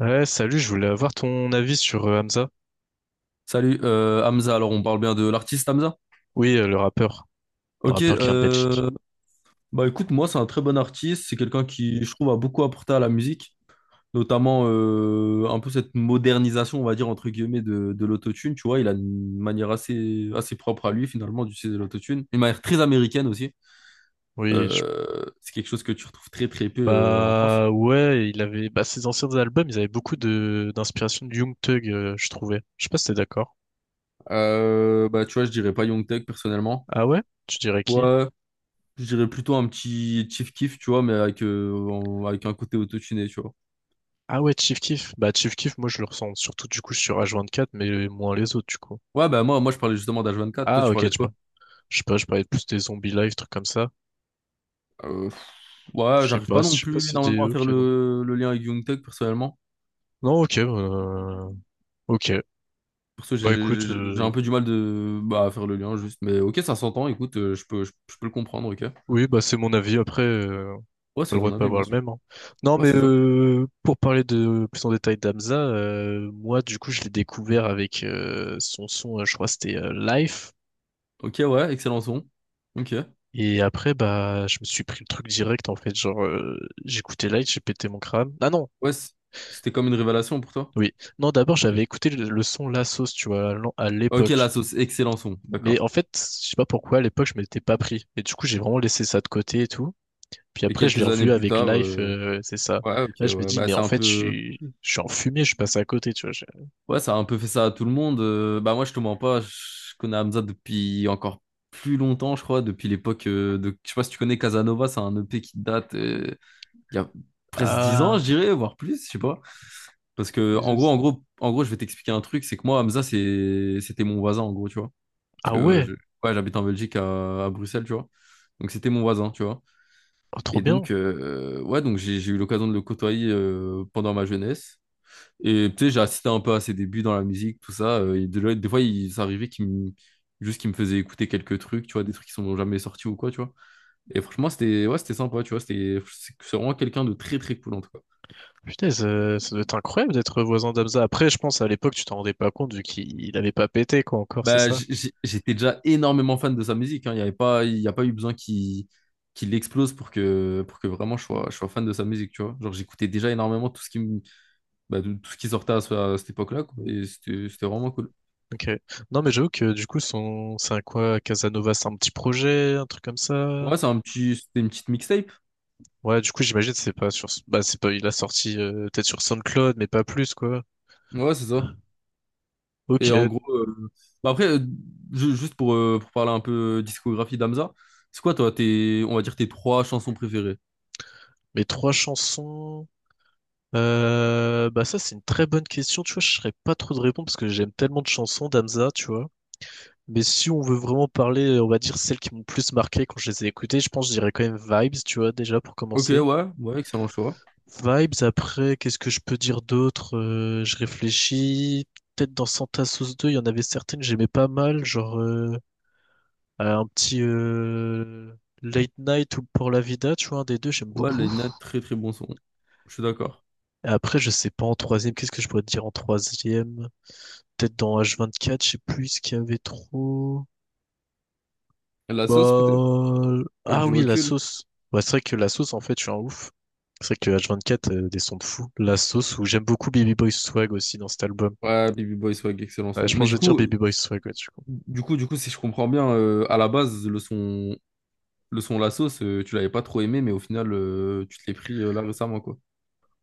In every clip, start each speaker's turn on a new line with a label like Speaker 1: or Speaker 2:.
Speaker 1: Ouais, salut, je voulais avoir ton avis sur Hamza.
Speaker 2: Salut Hamza, alors on parle bien de l'artiste Hamza?
Speaker 1: Oui, le
Speaker 2: Ok.
Speaker 1: rappeur qui vient de Belgique.
Speaker 2: Bah écoute, moi c'est un très bon artiste, c'est quelqu'un qui je trouve a beaucoup apporté à la musique, notamment un peu cette modernisation, on va dire entre guillemets, de l'autotune, tu vois. Il a une manière assez propre à lui finalement d'utiliser l'autotune, une manière très américaine aussi.
Speaker 1: Oui, je-
Speaker 2: C'est quelque chose que tu retrouves très très peu en France.
Speaker 1: Bah ouais, il avait bah ses anciens albums, ils avaient beaucoup de d'inspiration de Young Thug, je trouvais. Je sais pas si t'es d'accord.
Speaker 2: Bah tu vois, je dirais pas Young Thug personnellement.
Speaker 1: Ah ouais? Tu dirais qui?
Speaker 2: Ouais, je dirais plutôt un petit Chief Keef, tu vois, mais avec un côté autotuné, tu vois.
Speaker 1: Ah ouais, Chief Keef. Bah Chief Keef, moi je le ressens surtout du coup sur H24, mais moins les autres du coup.
Speaker 2: Ouais, bah moi je parlais justement d'H24, toi
Speaker 1: Ah
Speaker 2: tu
Speaker 1: ok, je
Speaker 2: parlais de
Speaker 1: sais
Speaker 2: quoi?
Speaker 1: pas. Je sais pas, je parlais plus des zombies live, trucs comme ça.
Speaker 2: Euh, pff, ouais, j'arrive pas non
Speaker 1: Je sais pas
Speaker 2: plus
Speaker 1: si c'est des...
Speaker 2: énormément à faire
Speaker 1: Ok, non.
Speaker 2: le lien avec Youngtech personnellement.
Speaker 1: Non, ok, ok.
Speaker 2: Pour ça,
Speaker 1: Bah écoute,
Speaker 2: j'ai un peu du mal à faire le lien juste. Mais ok, ça s'entend, écoute, je peux le comprendre, ok.
Speaker 1: oui, bah c'est mon avis. Après,
Speaker 2: Ouais,
Speaker 1: t'as
Speaker 2: c'est
Speaker 1: le droit
Speaker 2: ton
Speaker 1: de pas
Speaker 2: avis,
Speaker 1: avoir
Speaker 2: bien
Speaker 1: le
Speaker 2: sûr.
Speaker 1: même, hein. Non,
Speaker 2: Ouais,
Speaker 1: mais
Speaker 2: c'est ça.
Speaker 1: pour parler de plus en détail d'Amza, moi du coup je l'ai découvert avec son je crois que c'était Life.
Speaker 2: Ok, ouais, excellent son. Ok.
Speaker 1: Et après, bah, je me suis pris le truc direct, en fait. Genre, j'écoutais Light, j'ai pété mon crâne. Ah non,
Speaker 2: Ouais, c'était comme une révélation pour toi.
Speaker 1: oui. Non, d'abord,
Speaker 2: Ok.
Speaker 1: j'avais écouté le son La Sauce, tu vois, à
Speaker 2: Ok, la
Speaker 1: l'époque.
Speaker 2: sauce, excellent son,
Speaker 1: Mais en
Speaker 2: d'accord.
Speaker 1: fait, je sais pas pourquoi, à l'époque, je m'étais pas pris. Et du coup, j'ai vraiment laissé ça de côté et tout. Puis
Speaker 2: Et
Speaker 1: après, je l'ai
Speaker 2: quelques années
Speaker 1: revu
Speaker 2: plus
Speaker 1: avec
Speaker 2: tard,
Speaker 1: Life, c'est ça.
Speaker 2: ouais, ok,
Speaker 1: Là, je me
Speaker 2: ouais,
Speaker 1: dis,
Speaker 2: bah
Speaker 1: mais
Speaker 2: c'est
Speaker 1: en
Speaker 2: un
Speaker 1: fait,
Speaker 2: peu.
Speaker 1: je suis en fumée, je suis passé à côté, tu vois.
Speaker 2: Ouais, ça a un peu fait ça à tout le monde. Bah moi, je te mens pas, je connais Hamza depuis encore plus longtemps, je crois, depuis l'époque de... Je sais pas si tu connais Casanova, c'est un EP qui date il y a presque 10
Speaker 1: Ah,
Speaker 2: ans, je dirais, voire plus, je sais pas. Parce que,
Speaker 1: Jesus.
Speaker 2: je vais t'expliquer un truc, c'est que moi, Hamza, c'était mon voisin, en gros, tu vois. Parce
Speaker 1: Ah
Speaker 2: que
Speaker 1: ouais.
Speaker 2: ouais, j'habite en Belgique, à Bruxelles, tu vois. Donc c'était mon voisin, tu vois.
Speaker 1: Oh, trop
Speaker 2: Et
Speaker 1: bien.
Speaker 2: donc, ouais, donc j'ai eu l'occasion de le côtoyer pendant ma jeunesse. Et tu sais, j'ai assisté un peu à ses débuts dans la musique, tout ça. Et des fois, il s'arrivait qu'il me... juste qu'il me faisait écouter quelques trucs, tu vois, des trucs qui sont jamais sortis ou quoi, tu vois. Et franchement, c'était ouais, c'était sympa, tu vois. C'est vraiment quelqu'un de très, très cool, en tout cas.
Speaker 1: Putain, ça doit être incroyable d'être voisin d'Amza. Après, je pense à l'époque, tu t'en rendais pas compte vu qu'il il avait pas pété, quoi, encore, c'est
Speaker 2: Bah,
Speaker 1: ça?
Speaker 2: j'étais déjà énormément fan de sa musique, hein. Il y a pas eu besoin qu'il explose pour que vraiment je sois fan de sa musique, tu vois. Genre, j'écoutais déjà énormément tout ce qui sortait à cette époque-là, quoi. Et c'était vraiment cool.
Speaker 1: Ok. Non, mais j'avoue que du coup, son, c'est un quoi, Casanova, c'est un petit projet, un truc comme ça?
Speaker 2: Ouais, c'était une petite mixtape.
Speaker 1: Ouais, du coup, j'imagine c'est pas sur, bah c'est pas, il a sorti peut-être sur SoundCloud, mais pas plus quoi.
Speaker 2: Ouais, c'est ça.
Speaker 1: Ok,
Speaker 2: Et en gros, bah après, juste pour parler un peu discographie d'Amza, c'est quoi toi, on va dire tes trois chansons préférées?
Speaker 1: mes trois chansons. Bah ça c'est une très bonne question, tu vois, je serais pas trop de répondre parce que j'aime tellement de chansons d'Amza, tu vois. Mais si on veut vraiment parler, on va dire celles qui m'ont le plus marqué quand je les ai écoutées, je pense que je dirais quand même Vibes, tu vois, déjà pour
Speaker 2: Ok,
Speaker 1: commencer.
Speaker 2: ouais, ouais, excellent choix.
Speaker 1: Vibes, après, qu'est-ce que je peux dire d'autre? Je réfléchis. Peut-être dans Santa Sauce 2 il y en avait certaines que j'aimais pas mal, genre un petit Late Night ou Pour la Vida, tu vois, un des deux, j'aime
Speaker 2: Ouais,
Speaker 1: beaucoup.
Speaker 2: Leïna, très très bon son. Je suis d'accord.
Speaker 1: Et après, je sais pas en troisième, qu'est-ce que je pourrais te dire en troisième? Peut-être dans H24, je sais plus ce qu'il y avait trop.
Speaker 2: La sauce peut-être?
Speaker 1: Bah...
Speaker 2: Avec
Speaker 1: ah
Speaker 2: du
Speaker 1: oui, la
Speaker 2: recul?
Speaker 1: sauce. Ouais, c'est vrai que la sauce, en fait, je suis un ouf. C'est vrai que H24, des sons de fou. La sauce, où j'aime beaucoup Baby Boy Swag aussi dans cet album.
Speaker 2: Ouais, Baby Boy Swag, excellent
Speaker 1: Ouais,
Speaker 2: son.
Speaker 1: je pense
Speaker 2: Mais
Speaker 1: que je vais dire Baby Boy Swag, ouais, du coup.
Speaker 2: du coup, si je comprends bien, à la base, le son La sauce, tu l'avais pas trop aimé, mais au final, tu te l'es pris là récemment, quoi.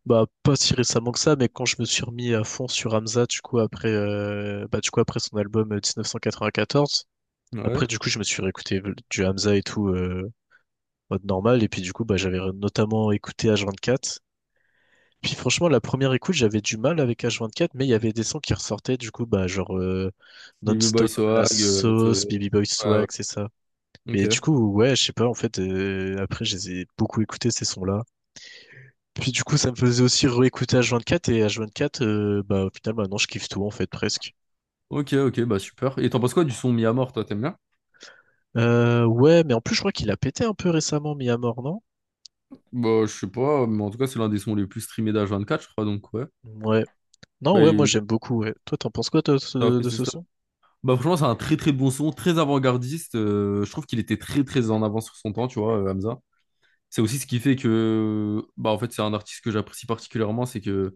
Speaker 1: Bah, pas si récemment que ça, mais quand je me suis remis à fond sur Hamza, du coup, après, bah, du coup, après son album 1994,
Speaker 2: Ouais.
Speaker 1: après, du coup, je me suis réécouté du Hamza et tout, mode normal, et puis, du coup, bah, j'avais notamment écouté H24. Puis, franchement, la première écoute, j'avais du mal avec H24, mais il y avait des sons qui ressortaient, du coup, bah, genre,
Speaker 2: Baby Boy
Speaker 1: Non-Stop, La
Speaker 2: Swag, la sauce.
Speaker 1: Sauce, Baby Boy
Speaker 2: Ouais,
Speaker 1: Swag,
Speaker 2: ouais.
Speaker 1: c'est ça. Et du
Speaker 2: Ok.
Speaker 1: coup, ouais, je sais pas, en fait, après, je les ai beaucoup écoutés, ces sons-là. Puis du coup, ça me faisait aussi réécouter H24 et H24, bah au final, maintenant je kiffe tout en fait, presque.
Speaker 2: Ok, ok, bah super. Et t'en penses quoi du son mis à mort, toi, t'aimes bien?
Speaker 1: Ouais, mais en plus, je crois qu'il a pété un peu récemment, mis à mort, non?
Speaker 2: Bah, je sais pas, mais en tout cas, c'est l'un des sons les plus streamés d'H24, je crois, donc ouais.
Speaker 1: Ouais. Non,
Speaker 2: Bah,
Speaker 1: ouais, moi j'aime beaucoup, ouais. Toi, t'en penses quoi toi, de
Speaker 2: ça a
Speaker 1: ce
Speaker 2: fait
Speaker 1: de
Speaker 2: ses
Speaker 1: ce
Speaker 2: stats.
Speaker 1: son?
Speaker 2: Bah, franchement, c'est un très très bon son, très avant-gardiste. Je trouve qu'il était très très en avance sur son temps, tu vois, Hamza. C'est aussi ce qui fait que, bah, en fait, c'est un artiste que j'apprécie particulièrement, c'est que,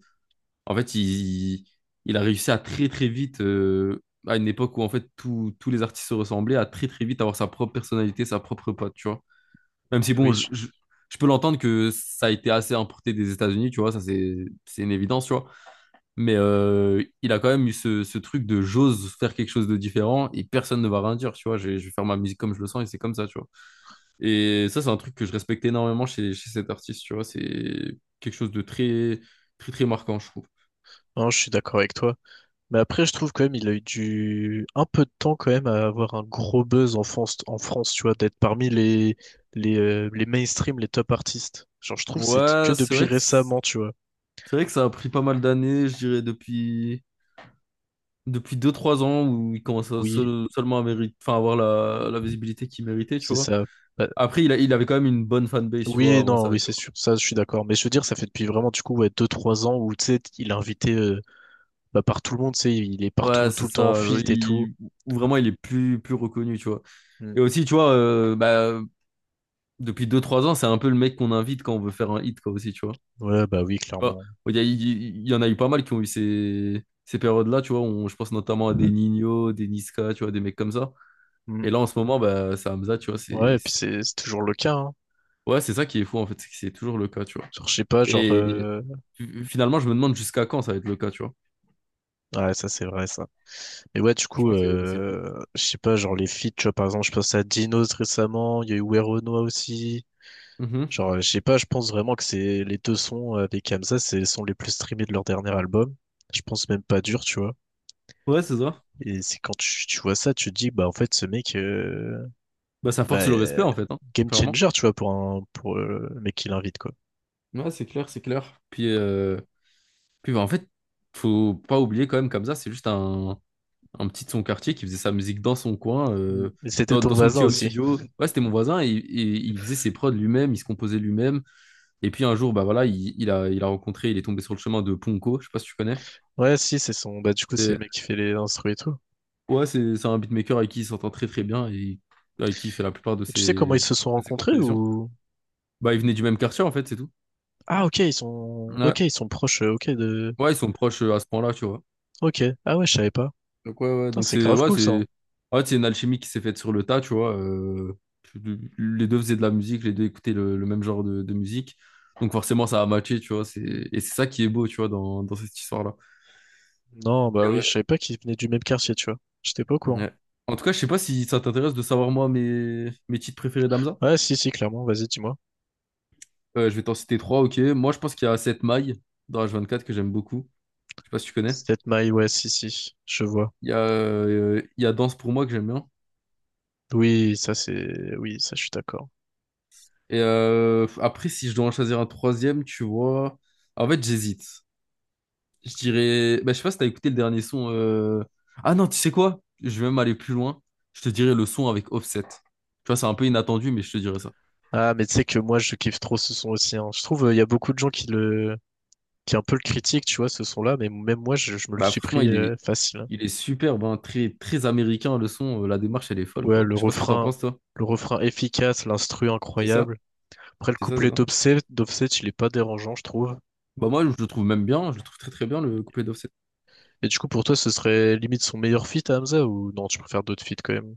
Speaker 2: en fait, il a réussi à très très vite, à une époque où, en fait, tous les artistes se ressemblaient, à très très vite avoir sa propre personnalité, sa propre patte, tu vois. Même si,
Speaker 1: Oui,
Speaker 2: bon,
Speaker 1: je,
Speaker 2: je peux l'entendre que ça a été assez importé des États-Unis, tu vois, ça c'est une évidence, tu vois. Mais il a quand même eu ce truc de j'ose faire quelque chose de différent et personne ne va rien dire, tu vois. Je vais faire ma musique comme je le sens et c'est comme ça, tu vois. Et ça, c'est un truc que je respecte énormément chez cet artiste, tu vois. C'est quelque chose de très, très, très marquant, je trouve.
Speaker 1: non, je suis d'accord avec toi. Mais après, je trouve quand même il a eu du un peu de temps quand même à avoir un gros buzz en France, tu vois, d'être parmi les mainstream, les top artistes. Genre, je trouve que c'est que
Speaker 2: Ouais,
Speaker 1: depuis récemment, tu
Speaker 2: c'est
Speaker 1: vois.
Speaker 2: vrai que ça a pris pas mal d'années, je dirais, depuis deux trois ans où il commence à
Speaker 1: Oui,
Speaker 2: seulement à enfin, avoir la visibilité qu'il méritait, tu
Speaker 1: c'est
Speaker 2: vois.
Speaker 1: ça. Bah,
Speaker 2: Après, il avait quand même une bonne fanbase, tu vois,
Speaker 1: oui,
Speaker 2: avant
Speaker 1: non,
Speaker 2: ça,
Speaker 1: oui,
Speaker 2: tu
Speaker 1: c'est
Speaker 2: vois.
Speaker 1: sûr. Ça, je suis d'accord. Mais je veux dire, ça fait depuis vraiment du coup ouais, 2-3 ans où tu sais, il est invité bah, par tout le monde, tu sais, il est
Speaker 2: Ouais,
Speaker 1: partout
Speaker 2: c'est
Speaker 1: tout le temps en
Speaker 2: ça, genre,
Speaker 1: feat et tout.
Speaker 2: où vraiment, il est plus reconnu, tu vois.
Speaker 1: Mm.
Speaker 2: Et aussi, tu vois, bah, depuis deux trois ans, c'est un peu le mec qu'on invite quand on veut faire un hit, quoi, aussi, tu vois.
Speaker 1: Ouais, bah oui,
Speaker 2: Tu vois,
Speaker 1: clairement.
Speaker 2: Il y en a eu pas mal qui ont eu ces périodes-là, tu vois. Je pense notamment à des Nino, des Niska, tu vois, des mecs comme ça.
Speaker 1: Mm.
Speaker 2: Et là, en ce moment, bah, c'est Hamza, tu vois.
Speaker 1: Ouais, et puis c'est toujours le cas, hein.
Speaker 2: Ouais, c'est ça qui est fou, en fait. C'est que c'est toujours le cas, tu vois.
Speaker 1: Genre, je sais pas, genre
Speaker 2: Et finalement, je me demande jusqu'à quand ça va être le cas, tu vois.
Speaker 1: Ouais, ça c'est vrai, ça. Et ouais, du coup,
Speaker 2: Franchement, c'est fou.
Speaker 1: je sais pas, genre les feats, tu vois, par exemple, je pense à Dinos récemment, il y a eu Weronoa aussi.
Speaker 2: Mhm.
Speaker 1: Genre, je sais pas, je pense vraiment que c'est les deux sons avec Hamza, c'est les sons les plus streamés de leur dernier album. Je pense même pas dur, tu vois.
Speaker 2: Ouais, c'est ça.
Speaker 1: Et c'est quand tu vois ça, tu te dis, bah en fait, ce mec,
Speaker 2: Bah, ça
Speaker 1: bah,
Speaker 2: force le respect,
Speaker 1: euh,
Speaker 2: en fait, hein,
Speaker 1: game
Speaker 2: clairement.
Speaker 1: changer, tu vois, pour un pour le mec qui l'invite, quoi.
Speaker 2: Ouais, c'est clair, c'est clair. Puis, bah, en fait, faut pas oublier quand même, Kamza, c'est juste un petit de son quartier qui faisait sa musique dans son coin,
Speaker 1: Mm. Et c'était ton
Speaker 2: dans son
Speaker 1: voisin
Speaker 2: petit home
Speaker 1: aussi.
Speaker 2: studio. Ouais, c'était mon voisin, et il faisait ses prods lui-même, il se composait lui-même. Et puis un jour, bah voilà, il a rencontré, il est tombé sur le chemin de Ponko, je sais pas si tu connais.
Speaker 1: Ouais, si, c'est son, bah du coup, c'est
Speaker 2: Et-
Speaker 1: le mec qui fait les instruments et tout.
Speaker 2: ouais, c'est un beatmaker avec qui il s'entend très très bien et avec qui il fait la plupart de
Speaker 1: Et tu sais comment ils se sont
Speaker 2: de ses
Speaker 1: rencontrés
Speaker 2: compositions.
Speaker 1: ou?
Speaker 2: Bah, il venait du même quartier, en fait, c'est tout.
Speaker 1: Ah
Speaker 2: Ouais,
Speaker 1: ok, ils sont proches, ok de
Speaker 2: ouais, ils sont proches à ce point-là, tu vois.
Speaker 1: ok. Ah ouais, je savais pas.
Speaker 2: Donc ouais, ouais,
Speaker 1: Putain,
Speaker 2: donc
Speaker 1: c'est
Speaker 2: c'est
Speaker 1: grave
Speaker 2: ouais,
Speaker 1: cool ça, hein.
Speaker 2: c'est en fait, c'est une alchimie qui s'est faite sur le tas, tu vois. Les deux faisaient de la musique, les deux écoutaient le même genre de musique. Donc forcément, ça a matché, tu vois. Et c'est ça qui est beau, tu vois, dans cette histoire-là.
Speaker 1: Non, bah
Speaker 2: Mais
Speaker 1: oui,
Speaker 2: ouais.
Speaker 1: je savais pas qu'ils venaient du même quartier, tu vois. J'étais pas au courant.
Speaker 2: Ouais. En tout cas, je sais pas si ça t'intéresse de savoir, moi, mes titres préférés d'Amza.
Speaker 1: Ouais, si, si, clairement. Vas-y, dis-moi.
Speaker 2: Je vais t'en citer trois, ok. Moi, je pense qu'il y a 7 mailles dans H24 que j'aime beaucoup. Je sais pas si tu connais.
Speaker 1: Sept mailles, ouais, si, si, je vois.
Speaker 2: Il y a Danse pour moi que j'aime bien.
Speaker 1: Oui, ça c'est, oui, ça je suis d'accord.
Speaker 2: Et après, si je dois en choisir un troisième, tu vois... En fait, j'hésite. Je dirais. Bah, je sais pas si t'as écouté le dernier son. Ah non, tu sais quoi? Je vais même aller plus loin. Je te dirais le son avec Offset. Tu vois, c'est un peu inattendu, mais je te dirais ça.
Speaker 1: Ah, mais tu sais que moi je kiffe trop ce son aussi, hein. Je trouve il y a beaucoup de gens qui est un peu le critique, tu vois, ce son-là, mais même moi, je me le
Speaker 2: Bah,
Speaker 1: suis
Speaker 2: franchement,
Speaker 1: pris facile, hein.
Speaker 2: il est superbe, hein. Très, très américain, le son. La démarche, elle est folle,
Speaker 1: Ouais,
Speaker 2: quoi. Je sais pas ce que t'en penses, toi.
Speaker 1: le refrain efficace, l'instru
Speaker 2: C'est ça?
Speaker 1: incroyable. Après, le
Speaker 2: C'est ça, c'est
Speaker 1: couplet
Speaker 2: ça.
Speaker 1: d'Offset, il est pas dérangeant, je trouve.
Speaker 2: Bah, moi, je le trouve même bien. Je le trouve très, très bien, le couplet d'Offset.
Speaker 1: Et du coup, pour toi, ce serait limite son meilleur feat, à Hamza, ou non, tu préfères d'autres feats quand même?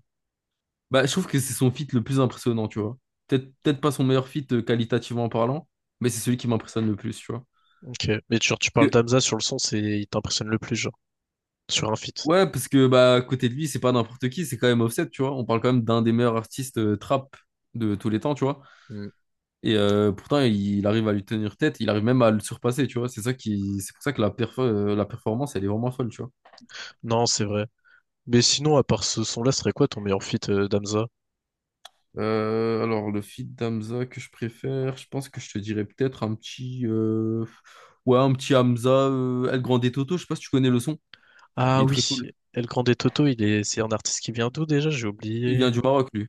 Speaker 2: Bah, je trouve que c'est son feat le plus impressionnant, tu vois. Peut-être, peut-être pas son meilleur feat qualitativement parlant, mais c'est celui qui m'impressionne le plus, tu vois.
Speaker 1: Ok. Mais genre, tu parles d'Hamza sur le son, c'est, il t'impressionne le plus, genre, sur un feat.
Speaker 2: Ouais, parce que bah à côté de lui, c'est pas n'importe qui, c'est quand même Offset, tu vois. On parle quand même d'un des meilleurs artistes trap de tous les temps, tu vois.
Speaker 1: Hmm.
Speaker 2: Et pourtant, il arrive à lui tenir tête, il arrive même à le surpasser, tu vois. C'est pour ça que la performance, elle est vraiment folle, tu vois.
Speaker 1: Non, c'est vrai. Mais sinon, à part ce son-là, ce serait quoi ton meilleur feat, d'Hamza?
Speaker 2: Alors le feat d'Hamza que je préfère, je pense que je te dirais peut-être un petit, ouais, un petit Hamza, El Grande Toto. Je sais pas si tu connais le son. Il
Speaker 1: Ah
Speaker 2: est très
Speaker 1: oui,
Speaker 2: cool.
Speaker 1: El Grande Toto, c'est un artiste qui vient d'où déjà? J'ai
Speaker 2: Il
Speaker 1: oublié.
Speaker 2: vient du Maroc, lui.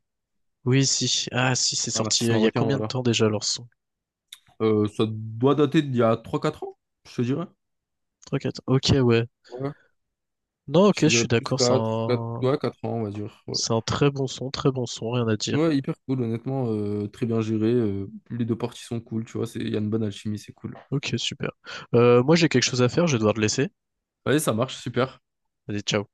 Speaker 1: Oui, si. Ah, si, c'est
Speaker 2: Un
Speaker 1: sorti.
Speaker 2: artiste
Speaker 1: Il y a
Speaker 2: marocain,
Speaker 1: combien de
Speaker 2: voilà.
Speaker 1: temps déjà leur son?
Speaker 2: Ça doit dater d'il y a trois quatre ans, je te dirais.
Speaker 1: 3-4 ok, ouais.
Speaker 2: Ouais.
Speaker 1: Non, ok, je
Speaker 2: Je
Speaker 1: suis
Speaker 2: dirais plus
Speaker 1: d'accord.
Speaker 2: 4 ans, on va dire. Ouais,
Speaker 1: C'est un très bon son, rien à dire.
Speaker 2: ouais, hyper cool, honnêtement, très bien géré. Les deux parties sont cool, tu vois, il y a une bonne alchimie, c'est cool.
Speaker 1: Ok, super. Moi, j'ai quelque chose à faire, je vais devoir te laisser.
Speaker 2: Allez, ça marche, super.
Speaker 1: Vas-y, ciao.